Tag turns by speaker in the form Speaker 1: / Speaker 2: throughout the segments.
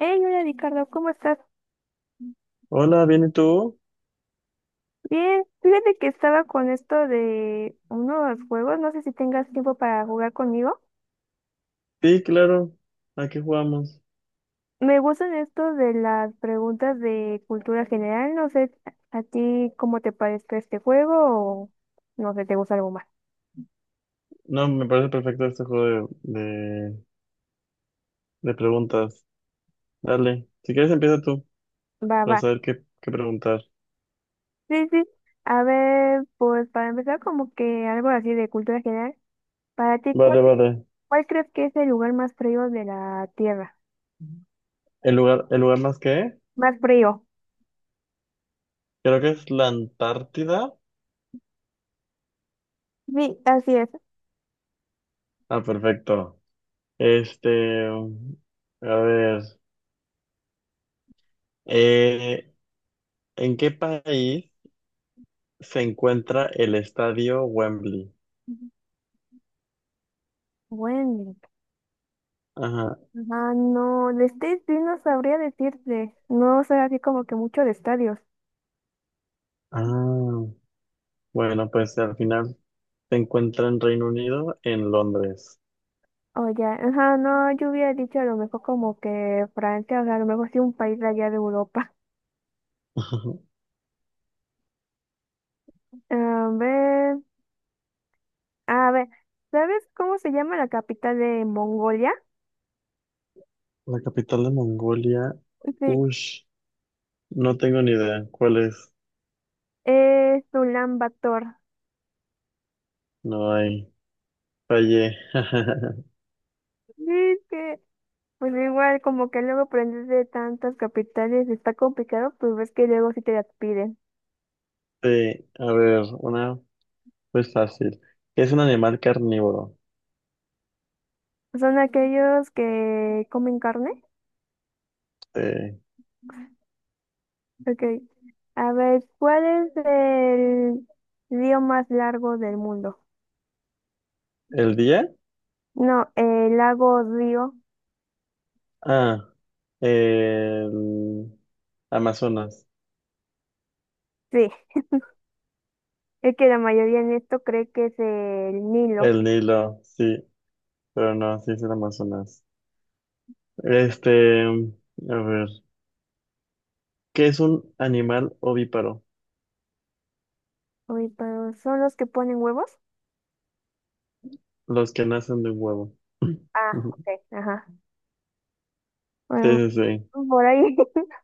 Speaker 1: Hey, hola Ricardo, ¿cómo estás?
Speaker 2: Hola, ¿bien y tú?
Speaker 1: Bien, fíjate que estaba con esto de unos juegos, no sé si tengas tiempo para jugar conmigo.
Speaker 2: Sí, claro. Aquí jugamos.
Speaker 1: Me gustan estos de las preguntas de cultura general, no sé a ti cómo te parezca este juego o no sé, te gusta algo más.
Speaker 2: No, me parece perfecto este juego de, de preguntas. Dale. Si quieres empieza tú
Speaker 1: Va,
Speaker 2: para
Speaker 1: va.
Speaker 2: saber qué preguntar.
Speaker 1: Sí, sí. A ver, pues para empezar como que algo así de cultura general. Para ti, ¿cuál,
Speaker 2: Vale, vale.
Speaker 1: cuál crees que es el lugar más frío de la Tierra?
Speaker 2: ¿El lugar más que?
Speaker 1: Más frío.
Speaker 2: Creo que es la Antártida.
Speaker 1: Sí, así es.
Speaker 2: Ah, perfecto. Este, a ver. eh, ¿en qué país se encuentra el estadio Wembley?
Speaker 1: Bueno.
Speaker 2: Ajá.
Speaker 1: Ah, no, de State sí no sabría decirte. No sé así como que mucho de estadios.
Speaker 2: Ah, bueno, pues al final. Se encuentra en Reino Unido, en Londres.
Speaker 1: O ya, ajá, no, yo hubiera dicho a lo mejor como que Francia, o sea, a lo mejor sí un país de allá de Europa.
Speaker 2: Ajá.
Speaker 1: A ver, a ver, ¿sabes cómo se llama la capital de Mongolia?
Speaker 2: La capital de Mongolia.
Speaker 1: Sí,
Speaker 2: Ush, no tengo ni idea cuál es.
Speaker 1: es Ulan Bator.
Speaker 2: No hay. Fallé.
Speaker 1: Sí, es que, pues igual como que luego aprendes de tantas capitales, está complicado, pues ves que luego sí te las piden.
Speaker 2: Sí, a ver, una pues fácil. ¿Qué es un animal carnívoro?
Speaker 1: Son aquellos que comen carne.
Speaker 2: Eh,
Speaker 1: Ok. A ver, ¿cuál es el río más largo del mundo?
Speaker 2: ¿el día?
Speaker 1: No, el lago río.
Speaker 2: Ah, el Amazonas.
Speaker 1: Sí, es que la mayoría en esto cree que es el Nilo.
Speaker 2: El Nilo, sí, pero no, sí es el Amazonas. Este, a ver, ¿qué es un animal ovíparo?
Speaker 1: Uy, pero ¿son los que ponen huevos?
Speaker 2: Los que nacen de un huevo.
Speaker 1: Ah,
Speaker 2: Ujú.
Speaker 1: ok. Ajá. Bueno,
Speaker 2: Sí, sí, sí.
Speaker 1: por ahí.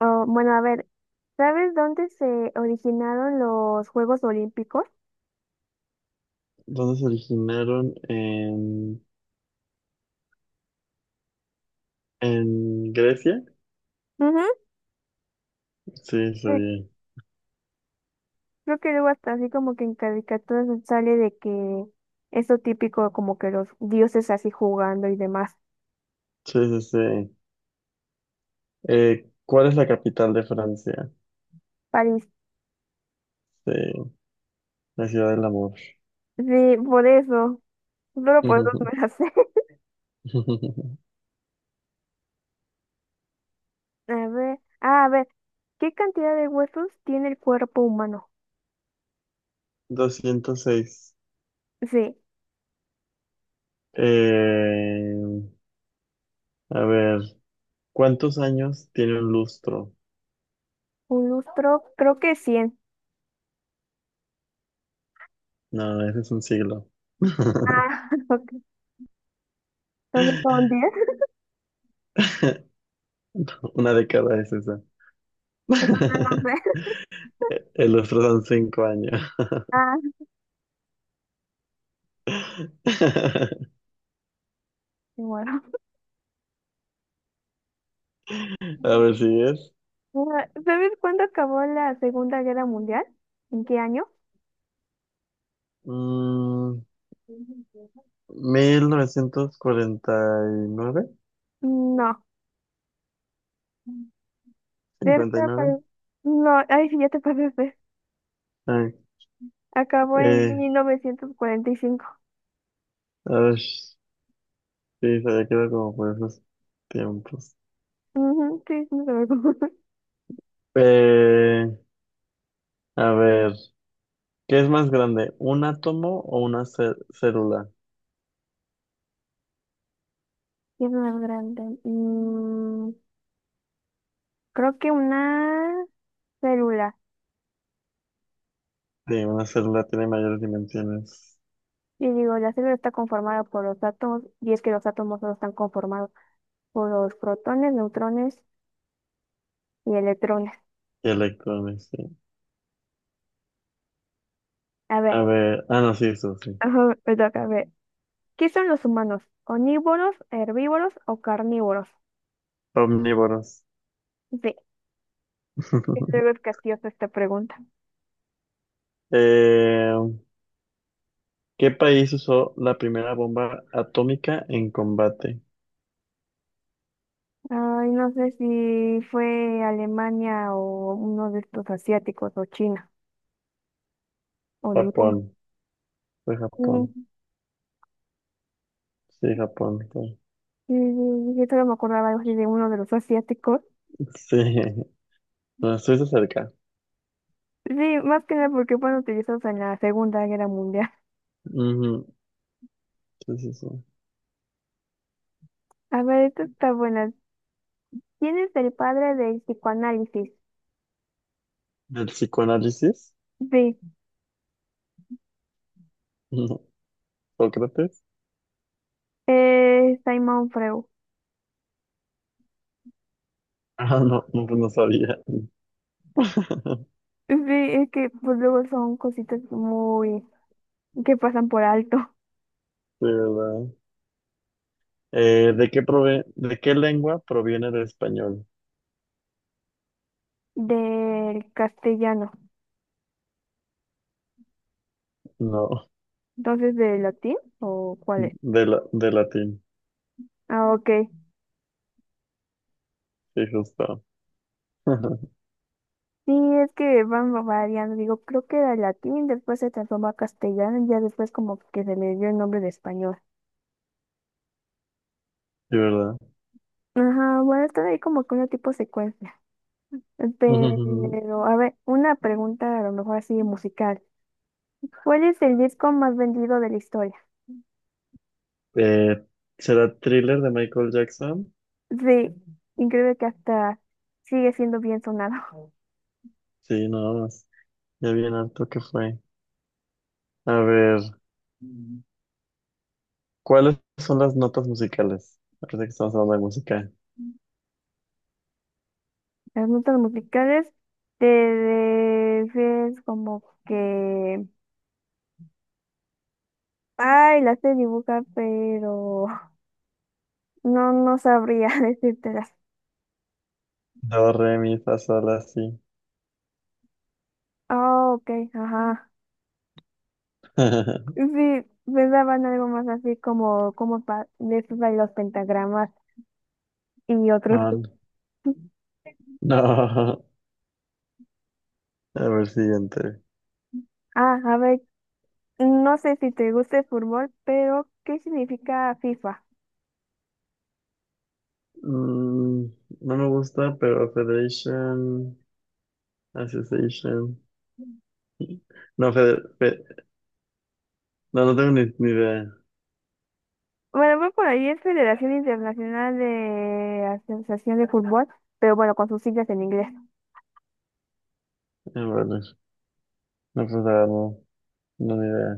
Speaker 1: Oh, bueno, a ver, ¿sabes dónde se originaron los Juegos Olímpicos?
Speaker 2: ¿Dónde se originaron? En Grecia.
Speaker 1: Ujú.
Speaker 2: Sí,
Speaker 1: Sí,
Speaker 2: sí.
Speaker 1: creo que luego hasta así como que en caricaturas sale de que eso típico como que los dioses así jugando y demás.
Speaker 2: Sí, sí, sí. ¿Cuál es la capital de Francia?
Speaker 1: París.
Speaker 2: Sí, la ciudad del amor.
Speaker 1: Sí, por eso. Solo por eso me la sé. A ver, ah, a ver, ¿qué cantidad de huesos tiene el cuerpo humano?
Speaker 2: 206.
Speaker 1: Sí,
Speaker 2: Eh, a ver, ¿cuántos años tiene un lustro?
Speaker 1: un lustro, creo que 100.
Speaker 2: No, ese es un siglo.
Speaker 1: Ah, ok. Entonces son 10.
Speaker 2: Una década es esa.
Speaker 1: Entonces no sé.
Speaker 2: El lustro son cinco años.
Speaker 1: Ah, sí, bueno.
Speaker 2: A ver si es.
Speaker 1: Ah, ¿sabes cuándo acabó la Segunda Guerra Mundial? ¿En qué año?
Speaker 2: Mm, 1949,
Speaker 1: No. Cerca,
Speaker 2: 59.
Speaker 1: pero... No, ay, sí, ya te pasaste.
Speaker 2: Ay,
Speaker 1: Acabó en
Speaker 2: eh,
Speaker 1: 1945.
Speaker 2: a ver, sí, se había quedado como por esos tiempos.
Speaker 1: Ujú, sí, no sé.
Speaker 2: Eh, a ver, ¿qué es más grande, un átomo o una célula?
Speaker 1: ¿Qué es más grande? Creo que una célula.
Speaker 2: Sí, una célula tiene mayores dimensiones
Speaker 1: Y digo, la célula está conformada por los átomos, y es que los átomos solo están conformados por los protones, neutrones y electrones.
Speaker 2: que electrones, sí.
Speaker 1: A ver,
Speaker 2: A ver, ah, no, sí, eso sí.
Speaker 1: ajá, me toca, a ver. ¿Qué son los humanos? ¿Omnívoros, herbívoros o carnívoros?
Speaker 2: Omnívoros.
Speaker 1: Sí, es algo capciosa esta pregunta.
Speaker 2: Eh, ¿Qué país usó la primera bomba atómica en combate?
Speaker 1: Ay, no sé si fue Alemania o uno de estos asiáticos o China o ninguno.
Speaker 2: Japón. Fue Japón.
Speaker 1: Mm,
Speaker 2: Sí, Japón fue.
Speaker 1: sí, sí, yo solo me acordaba algo así de uno de los asiáticos.
Speaker 2: Sí. No, estuviste cerca.
Speaker 1: Sí, más que nada porque fueron utilizados en la Segunda Guerra Mundial.
Speaker 2: Ujú. Sí, sí, sí.
Speaker 1: A ver, esta está buena. ¿Quién es el padre del psicoanálisis?
Speaker 2: ¿Del psicoanálisis?
Speaker 1: Sí,
Speaker 2: No. ¿Sócrates?
Speaker 1: Simon Freud.
Speaker 2: Ah, no, no, pues no sabía.
Speaker 1: Sí, es que pues luego son cositas muy que pasan por alto
Speaker 2: Sí, ¿verdad? ¿De qué de qué lengua proviene el español?
Speaker 1: del castellano.
Speaker 2: No,
Speaker 1: Entonces, ¿del latín o cuál es?
Speaker 2: de latín.
Speaker 1: Ah, ok.
Speaker 2: Sí, justo.
Speaker 1: Sí, es que van variando. Digo, creo que era latín, después se transformó a castellano y ya después como que se le dio el nombre de español.
Speaker 2: Sí, ¿verdad?
Speaker 1: Ajá, bueno, están ahí como que una tipo secuencia. Pero, a ver, una pregunta a lo mejor así musical. ¿Cuál es el disco más vendido de la historia?
Speaker 2: Eh, ¿será Thriller de Michael Jackson?
Speaker 1: Sí, increíble que hasta sigue siendo bien sonado.
Speaker 2: Sí, nada más. Ya bien harto que fue. A ver, ¿cuáles son las notas musicales? Parece que estamos hablando de música.
Speaker 1: Las notas musicales te es como que, ay, las sé dibujar, pero no, no sabría decírtelas.
Speaker 2: Do, re, mi, fa, sol, la, si.
Speaker 1: Ah, ok, ajá. Sí, pensaban algo más así como, como de esos de los pentagramas. Y otros.
Speaker 2: No, no. No. A ver, siguiente.
Speaker 1: Ah, a ver, no sé si te gusta el fútbol, pero ¿qué significa FIFA?
Speaker 2: Mm, no me gusta, pero Federation, Association. No, no, no tengo ni idea.
Speaker 1: Bueno, voy por ahí es Federación Internacional de Asociación de Fútbol, pero bueno, con sus siglas en inglés.
Speaker 2: A ver, no, pues, ah, no, no, ni idea.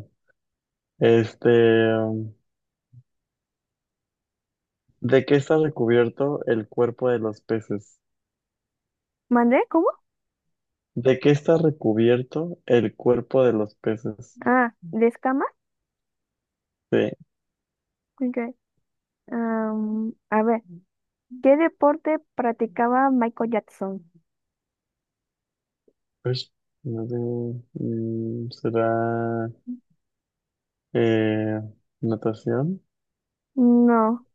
Speaker 2: Este, um, ¿de qué está recubierto el cuerpo de los peces?
Speaker 1: ¿Mandé? ¿Cómo?
Speaker 2: ¿De qué está recubierto el cuerpo de los peces?
Speaker 1: Ah, ¿de escamas?
Speaker 2: Sí,
Speaker 1: Ok. Am, a ver, ¿qué deporte practicaba Michael Jackson?
Speaker 2: pues, no sé, ¿será eh, natación?
Speaker 1: No,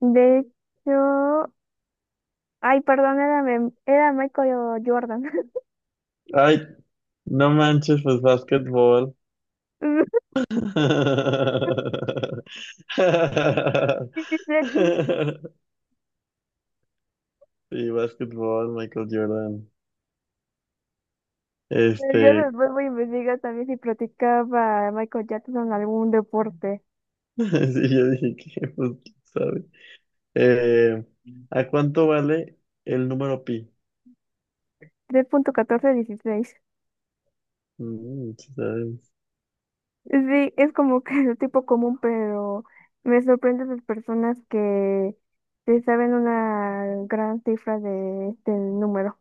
Speaker 1: de hecho, ay, perdón, era Michael Jordan.
Speaker 2: Ay, no manches, pues básquetbol.
Speaker 1: Sí, sí, sí.
Speaker 2: Sí, básquetbol, Michael Jordan.
Speaker 1: Pero yo
Speaker 2: Este,
Speaker 1: después voy a investigar también si practicaba Michael Jackson algún deporte.
Speaker 2: sí, yo dije que, pues, quién sabe. Eh, ¿a cuánto vale el número pi?
Speaker 1: 3.1416.
Speaker 2: Mm, sí, sabes,
Speaker 1: Sí, es como que el tipo común, pero me sorprende las personas que se saben una gran cifra de este número.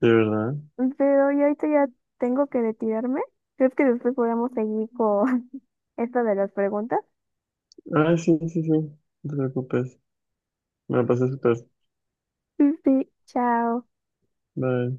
Speaker 2: de verdad.
Speaker 1: Pero yo ahorita ya tengo que retirarme. ¿Crees que después podamos seguir con esto de las preguntas?
Speaker 2: Ah, sí, sí, sí. No te preocupes. Me la pasé súper.
Speaker 1: Sí, sí, chao.
Speaker 2: Bye.